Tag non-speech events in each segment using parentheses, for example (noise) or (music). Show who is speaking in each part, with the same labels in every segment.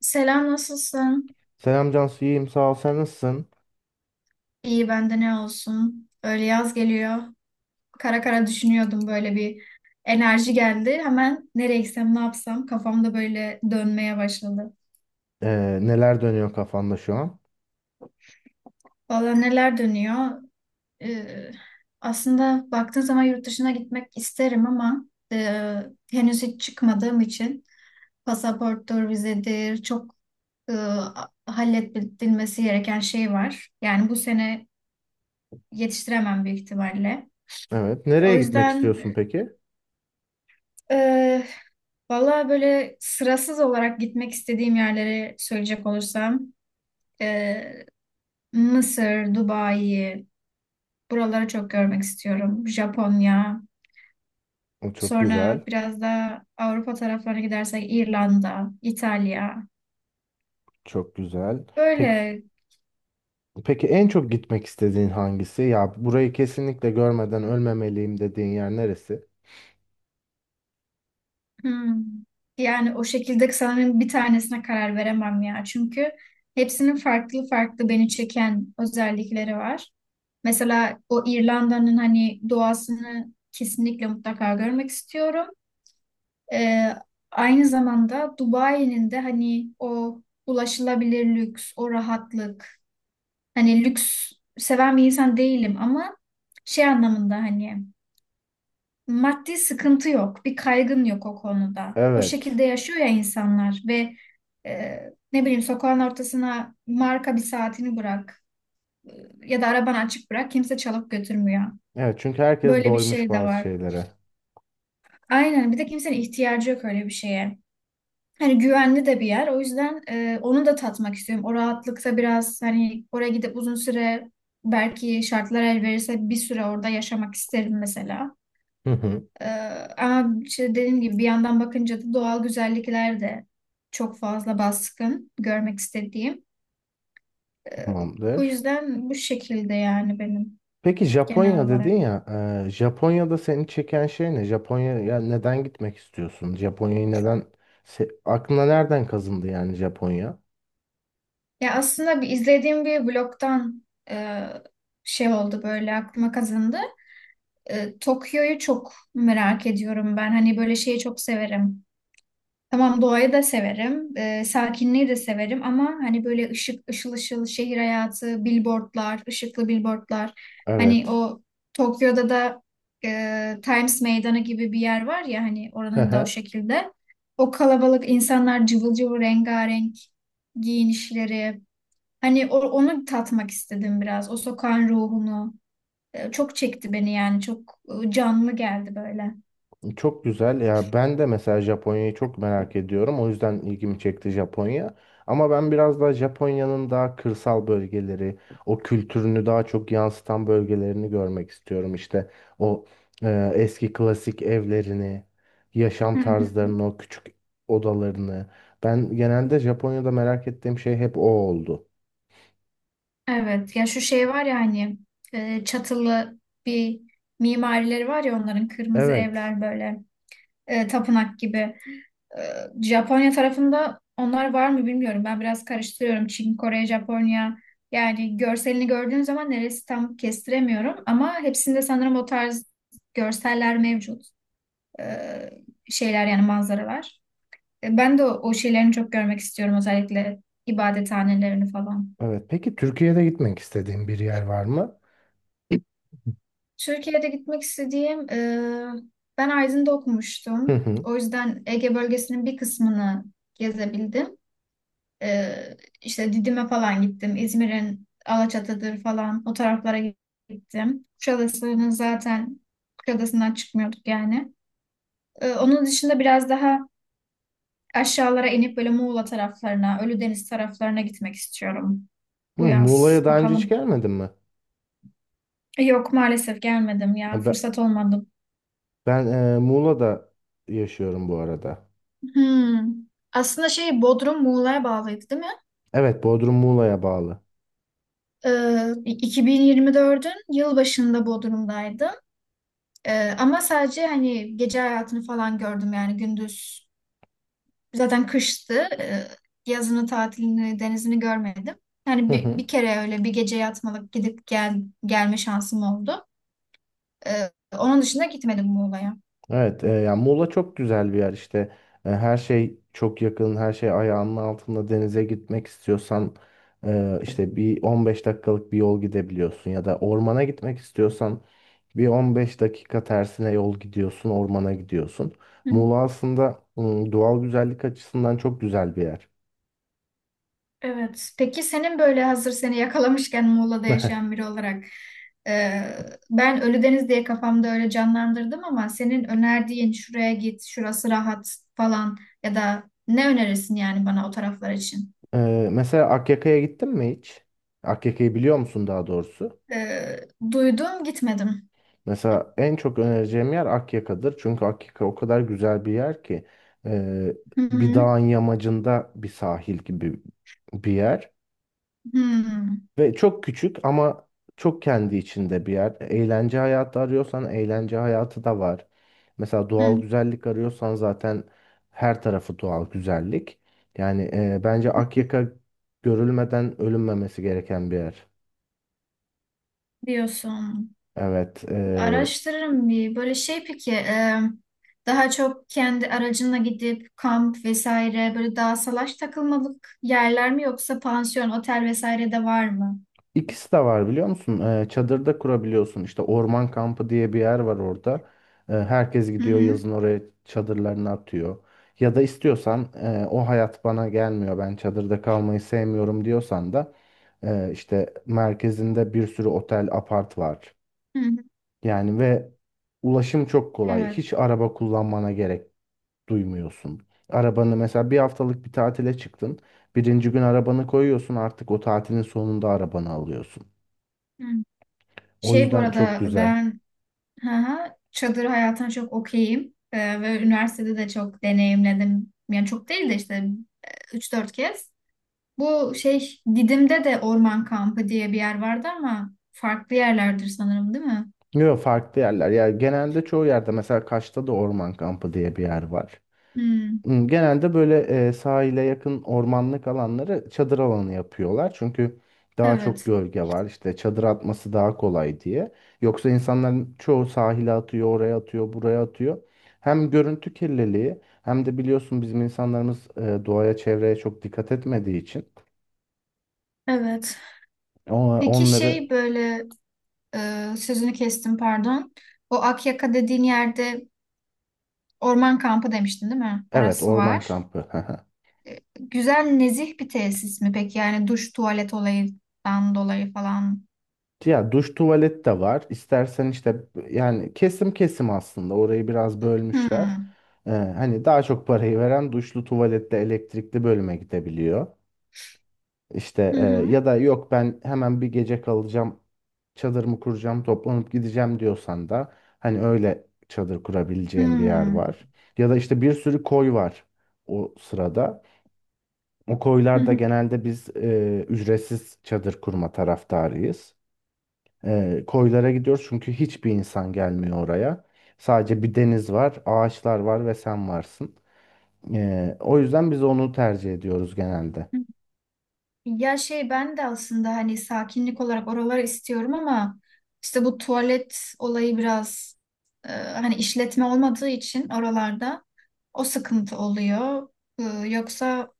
Speaker 1: Selam, nasılsın?
Speaker 2: Selam Cansu, iyiyim sağ ol. Sen nasılsın?
Speaker 1: İyi, bende ne olsun? Öyle yaz geliyor. Kara kara düşünüyordum, böyle bir enerji geldi. Hemen nereye gitsem, ne yapsam kafamda böyle dönmeye başladı.
Speaker 2: Neler dönüyor kafanda şu an?
Speaker 1: Valla neler dönüyor? Ee, aslında baktığın zaman yurt dışına gitmek isterim, ama e, henüz hiç çıkmadığım için pasaporttur, vizedir, çok e, halledilmesi gereken şey var. Yani bu sene yetiştiremem büyük ihtimalle.
Speaker 2: Evet. Nereye
Speaker 1: O
Speaker 2: gitmek
Speaker 1: yüzden,
Speaker 2: istiyorsun peki?
Speaker 1: Ee, valla böyle sırasız olarak gitmek istediğim yerleri söyleyecek olursam, ee, Mısır, Dubai, buraları çok görmek istiyorum. Japonya,
Speaker 2: O çok güzel.
Speaker 1: sonra biraz da Avrupa taraflarına gidersek İrlanda, İtalya.
Speaker 2: Çok güzel. Peki,
Speaker 1: Böyle.
Speaker 2: peki, en çok gitmek istediğin hangisi? Ya burayı kesinlikle görmeden ölmemeliyim dediğin yer neresi?
Speaker 1: Hmm. Yani o şekilde sanırım bir tanesine karar veremem ya. Çünkü hepsinin farklı farklı beni çeken özellikleri var. Mesela o İrlanda'nın hani doğasını kesinlikle mutlaka görmek istiyorum. Ee, aynı zamanda Dubai'nin de hani o ulaşılabilir lüks, o rahatlık. Hani lüks seven bir insan değilim, ama şey anlamında hani maddi sıkıntı yok, bir kaygın yok o konuda. O
Speaker 2: Evet.
Speaker 1: şekilde yaşıyor ya insanlar ve e, ne bileyim sokağın ortasına marka bir saatini bırak, e, ya da arabanı açık bırak, kimse çalıp götürmüyor.
Speaker 2: Evet, çünkü herkes
Speaker 1: Böyle bir
Speaker 2: doymuş
Speaker 1: şey de
Speaker 2: bazı
Speaker 1: var.
Speaker 2: şeylere.
Speaker 1: Aynen, bir de kimsenin ihtiyacı yok öyle bir şeye. Hani güvenli de bir yer, o yüzden onu da tatmak istiyorum. O rahatlıkta biraz, hani oraya gidip uzun süre, belki şartlar el verirse bir süre orada yaşamak isterim mesela.
Speaker 2: Hı hı.
Speaker 1: Ee, ama işte dediğim gibi bir yandan bakınca da doğal güzellikler de çok fazla baskın görmek istediğim. Ee, bu
Speaker 2: Tamamdır.
Speaker 1: yüzden bu şekilde yani benim
Speaker 2: Peki
Speaker 1: genel
Speaker 2: Japonya
Speaker 1: olarak.
Speaker 2: dedin ya. Japonya'da seni çeken şey ne? Japonya'ya neden gitmek istiyorsun? Japonya'yı neden... Aklına nereden kazındı yani Japonya?
Speaker 1: Ya aslında bir izlediğim bir blogdan e, şey oldu, böyle aklıma kazındı. Tokyo'yu çok merak ediyorum ben. Hani böyle şeyi çok severim. Tamam, doğayı da severim, sakinliği de severim, ama hani böyle ışık, ışıl ışıl şehir hayatı, billboardlar, ışıklı billboardlar. Hani
Speaker 2: Evet.
Speaker 1: o, Tokyo'da da Times Meydanı gibi bir yer var ya, hani
Speaker 2: Hı
Speaker 1: oranın da o
Speaker 2: hı.
Speaker 1: şekilde. O kalabalık, insanlar cıvıl cıvıl, rengarenk giyinişleri. Hani onu tatmak istedim biraz. O sokağın ruhunu. Çok çekti beni, yani çok canlı geldi böyle.
Speaker 2: Çok güzel ya, ben de mesela Japonya'yı çok merak ediyorum, o yüzden ilgimi çekti Japonya, ama ben biraz daha Japonya'nın daha kırsal bölgeleri, o kültürünü daha çok yansıtan bölgelerini görmek istiyorum. İşte o eski klasik evlerini, yaşam
Speaker 1: Hı hı.
Speaker 2: tarzlarını, o küçük odalarını, ben genelde Japonya'da merak ettiğim şey hep o oldu.
Speaker 1: Evet ya, şu şey var ya hani çatılı bir mimarileri var ya onların, kırmızı
Speaker 2: Evet.
Speaker 1: evler böyle tapınak gibi. Ee, Japonya tarafında onlar var mı bilmiyorum. Ben biraz karıştırıyorum. Çin, Kore, Japonya. Yani görselini gördüğün zaman neresi tam kestiremiyorum. Ama hepsinde sanırım o tarz görseller mevcut. Ee, şeyler yani manzaralar. Ben de o şeylerini çok görmek istiyorum. Özellikle ibadethanelerini falan.
Speaker 2: Evet. Peki Türkiye'de gitmek istediğin bir yer var mı? (clears throat)
Speaker 1: Türkiye'de gitmek istediğim... ben Aydın'da
Speaker 2: Hı
Speaker 1: okumuştum.
Speaker 2: hı.
Speaker 1: O yüzden Ege bölgesinin bir kısmını gezebildim. İşte Didim'e falan gittim. İzmir'in Alaçatı'dır falan, o taraflara gittim. Kuşadası'nın zaten, Kuşadası'ndan çıkmıyorduk yani. Onun dışında biraz daha aşağılara inip böyle Muğla taraflarına, Ölüdeniz taraflarına gitmek istiyorum
Speaker 2: Hı,
Speaker 1: bu yaz.
Speaker 2: Muğla'ya daha önce hiç
Speaker 1: Bakalım.
Speaker 2: gelmedin mi?
Speaker 1: Yok maalesef, gelmedim
Speaker 2: Ha,
Speaker 1: ya. Fırsat olmadı.
Speaker 2: Ben Muğla'da yaşıyorum bu arada.
Speaker 1: Hmm. Aslında şey, Bodrum Muğla'ya bağlıydı değil mi?
Speaker 2: Evet, Bodrum Muğla'ya bağlı.
Speaker 1: 2024'ün yılbaşında Bodrum'daydım. Ama sadece hani gece hayatını falan gördüm, yani gündüz. Zaten kıştı. Ee, yazını, tatilini, denizini görmedim. Yani
Speaker 2: Hı
Speaker 1: bir,
Speaker 2: hı.
Speaker 1: bir kere öyle bir gece yatmalık gidip gelme şansım oldu. Ee, onun dışında gitmedim Muğla'ya.
Speaker 2: Evet, yani Muğla çok güzel bir yer işte. E, her şey çok yakın, her şey ayağının altında. Denize gitmek istiyorsan işte bir 15 dakikalık bir yol gidebiliyorsun, ya da ormana gitmek istiyorsan bir 15 dakika tersine yol gidiyorsun, ormana gidiyorsun.
Speaker 1: Hı.
Speaker 2: Muğla aslında doğal güzellik açısından çok güzel bir yer.
Speaker 1: Evet. Peki senin, böyle hazır seni yakalamışken Muğla'da yaşayan
Speaker 2: (laughs)
Speaker 1: biri olarak, e, ben Ölüdeniz diye kafamda öyle canlandırdım, ama senin önerdiğin şuraya git, şurası rahat falan, ya da ne önerirsin yani bana o taraflar için?
Speaker 2: Mesela Akyaka'ya gittin mi hiç? Akyaka'yı biliyor musun daha doğrusu?
Speaker 1: Ee, duydum gitmedim.
Speaker 2: Mesela en çok önereceğim yer Akyaka'dır. Çünkü Akyaka o kadar güzel bir yer ki, e,
Speaker 1: Hı
Speaker 2: bir
Speaker 1: hı.
Speaker 2: dağın yamacında bir sahil gibi bir yer.
Speaker 1: Hı
Speaker 2: Ve çok küçük ama çok kendi içinde bir yer. Eğlence hayatı arıyorsan eğlence hayatı da var. Mesela doğal
Speaker 1: hı.
Speaker 2: güzellik arıyorsan zaten her tarafı doğal güzellik. Yani bence Akyaka görülmeden ölünmemesi gereken bir yer.
Speaker 1: Diyorsun.
Speaker 2: Evet.
Speaker 1: Araştırırım bir. Böyle şey peki, daha çok kendi aracınla gidip kamp vesaire, böyle daha salaş takılmalık yerler mi, yoksa pansiyon, otel vesaire de var mı?
Speaker 2: İkisi de var biliyor musun? Çadırda kurabiliyorsun. İşte orman kampı diye bir yer var orada. Herkes
Speaker 1: Hı
Speaker 2: gidiyor
Speaker 1: hı.
Speaker 2: yazın, oraya çadırlarını atıyor. Ya da istiyorsan o hayat bana gelmiyor, ben çadırda kalmayı sevmiyorum diyorsan da işte merkezinde bir sürü otel, apart var.
Speaker 1: Hı hı.
Speaker 2: Yani ve ulaşım çok kolay.
Speaker 1: Evet.
Speaker 2: Hiç araba kullanmana gerek duymuyorsun. Arabanı mesela bir haftalık bir tatile çıktın. Birinci gün arabanı koyuyorsun, artık o tatilin sonunda arabanı alıyorsun.
Speaker 1: Hı.
Speaker 2: O
Speaker 1: Şey bu
Speaker 2: yüzden çok
Speaker 1: arada
Speaker 2: güzel.
Speaker 1: ben, hı hı, çadır hayatına çok okeyim. Ve üniversitede de çok deneyimledim. Yani çok değil de işte üç dört kez. Bu şey, Didim'de de orman kampı diye bir yer vardı, ama farklı yerlerdir sanırım değil mi?
Speaker 2: Yok, farklı yerler. Ya genelde çoğu yerde, mesela Kaş'ta da orman kampı diye bir yer var.
Speaker 1: Hmm,
Speaker 2: Hmm, genelde böyle sahile yakın ormanlık alanları çadır alanı yapıyorlar. Çünkü daha çok
Speaker 1: evet.
Speaker 2: gölge var, İşte çadır atması daha kolay diye. Yoksa insanların çoğu sahile atıyor, oraya atıyor, buraya atıyor. Hem görüntü kirliliği hem de biliyorsun bizim insanlarımız doğaya, çevreye çok dikkat etmediği için
Speaker 1: Evet. Peki
Speaker 2: onları,
Speaker 1: şey böyle, sözünü kestim, pardon. O Akyaka dediğin yerde orman kampı demiştin değil mi?
Speaker 2: evet,
Speaker 1: Orası
Speaker 2: orman
Speaker 1: var.
Speaker 2: kampı. (laughs)
Speaker 1: Güzel nezih bir tesis mi peki? Yani duş tuvalet olayından dolayı falan.
Speaker 2: Ya duş tuvalet de var. İstersen işte, yani kesim kesim aslında orayı biraz bölmüşler.
Speaker 1: Hmm.
Speaker 2: Hani daha çok parayı veren duşlu tuvalette elektrikli bölüme gidebiliyor. İşte
Speaker 1: Hı hı.
Speaker 2: ya da yok, ben hemen bir gece kalacağım, çadırımı kuracağım, toplanıp gideceğim diyorsan da hani öyle çadır kurabileceğim bir yer
Speaker 1: Hmm.
Speaker 2: var. Ya da işte bir sürü koy var o sırada. O
Speaker 1: Hı
Speaker 2: koylarda
Speaker 1: hı.
Speaker 2: genelde biz ücretsiz çadır kurma taraftarıyız. E, koylara gidiyoruz çünkü hiçbir insan gelmiyor oraya. Sadece bir deniz var, ağaçlar var ve sen varsın. E, o yüzden biz onu tercih ediyoruz genelde.
Speaker 1: Ya şey, ben de aslında hani sakinlik olarak oraları istiyorum, ama işte bu tuvalet olayı biraz, hani işletme olmadığı için oralarda o sıkıntı oluyor. E, yoksa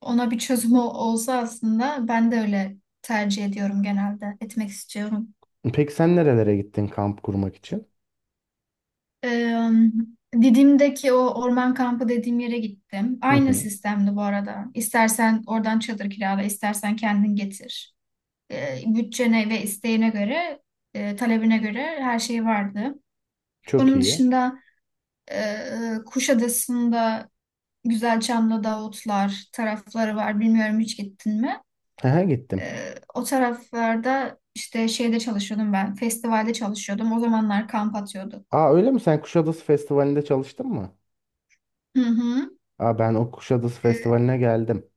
Speaker 1: ona bir çözüm olsa, aslında ben de öyle tercih ediyorum, genelde etmek istiyorum.
Speaker 2: Peki sen nerelere gittin kamp kurmak için?
Speaker 1: E, Didim'deki o orman kampı dediğim yere gittim.
Speaker 2: Hı
Speaker 1: Aynı
Speaker 2: hı,
Speaker 1: sistemdi bu arada. İstersen oradan çadır kirala, istersen kendin getir. Bütçene ve isteğine göre, talebine göre her şey vardı.
Speaker 2: çok
Speaker 1: Onun
Speaker 2: iyi.
Speaker 1: dışında Kuşadası'nda Güzelçamlı, Davutlar tarafları var. Bilmiyorum, hiç gittin mi?
Speaker 2: Aha, gittim.
Speaker 1: O taraflarda işte şeyde çalışıyordum ben. Festivalde çalışıyordum. O zamanlar kamp atıyorduk.
Speaker 2: Aa, öyle mi? Sen Kuşadası Festivali'nde çalıştın mı?
Speaker 1: Hı hı.
Speaker 2: Aa, ben o Kuşadası
Speaker 1: E,
Speaker 2: Festivali'ne geldim.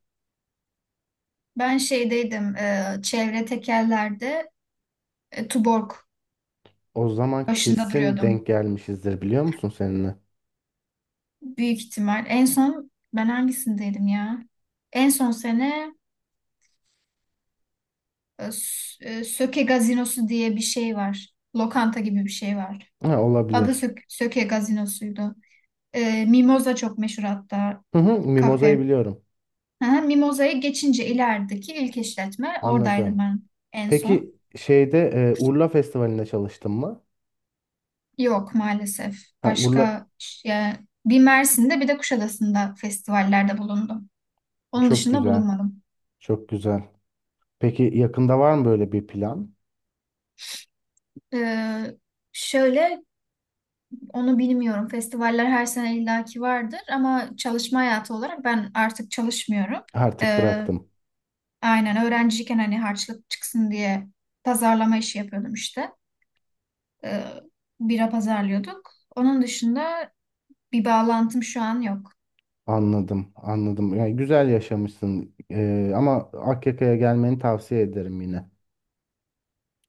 Speaker 1: ben şeydeydim. Çevre tekerlerde Tuborg
Speaker 2: O zaman
Speaker 1: başında
Speaker 2: kesin
Speaker 1: duruyordum.
Speaker 2: denk gelmişizdir, biliyor musun seninle?
Speaker 1: Büyük ihtimal. En son ben hangisindeydim ya? En son sene, Söke Gazinosu diye bir şey var. Lokanta gibi bir şey var.
Speaker 2: Ha,
Speaker 1: Adı
Speaker 2: olabilir.
Speaker 1: Söke Gazinosu'ydu. Mimoza çok meşhur hatta,
Speaker 2: Hı hı, Mimoza'yı
Speaker 1: kafe.
Speaker 2: biliyorum.
Speaker 1: Hı hı, Mimoza'ya geçince ilerideki ilk işletme, oradaydım
Speaker 2: Anladım.
Speaker 1: ben en son.
Speaker 2: Peki şeyde Urla Festivali'nde çalıştın mı?
Speaker 1: Yok maalesef.
Speaker 2: Ha, Urla
Speaker 1: Başka ya, bir Mersin'de, bir de Kuşadası'nda festivallerde bulundum. Onun
Speaker 2: çok
Speaker 1: dışında
Speaker 2: güzel.
Speaker 1: bulunmadım.
Speaker 2: Çok güzel. Peki yakında var mı böyle bir plan?
Speaker 1: E, Şöyle. Onu bilmiyorum. Festivaller her sene illaki vardır, ama çalışma hayatı olarak ben artık çalışmıyorum.
Speaker 2: Artık
Speaker 1: Ee,
Speaker 2: bıraktım.
Speaker 1: aynen öğrenciyken hani harçlık çıksın diye pazarlama işi yapıyordum işte. Ee, bira pazarlıyorduk. Onun dışında bir bağlantım şu an yok.
Speaker 2: Anladım, anladım. Yani güzel yaşamışsın. E, ama Akyaka'ya gelmeni tavsiye ederim yine.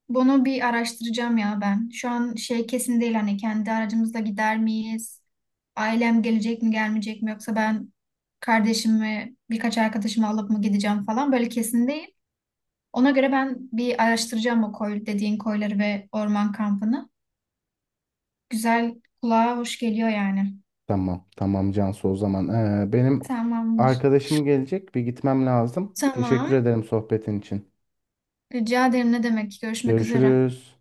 Speaker 1: Bunu bir araştıracağım ya ben. Şu an şey kesin değil, hani kendi aracımızla gider miyiz? Ailem gelecek mi, gelmeyecek mi, yoksa ben kardeşimi, birkaç arkadaşımı alıp mı gideceğim falan, böyle kesin değil. Ona göre ben bir araştıracağım o koy, dediğin koyları ve orman kampını. Güzel, kulağa hoş geliyor yani.
Speaker 2: Tamam, tamam Cansu, o zaman. E, benim
Speaker 1: Tamamdır.
Speaker 2: arkadaşım gelecek, bir gitmem lazım. Teşekkür
Speaker 1: Tamam.
Speaker 2: ederim sohbetin için.
Speaker 1: Rica ederim, ne demek. Görüşmek üzere.
Speaker 2: Görüşürüz.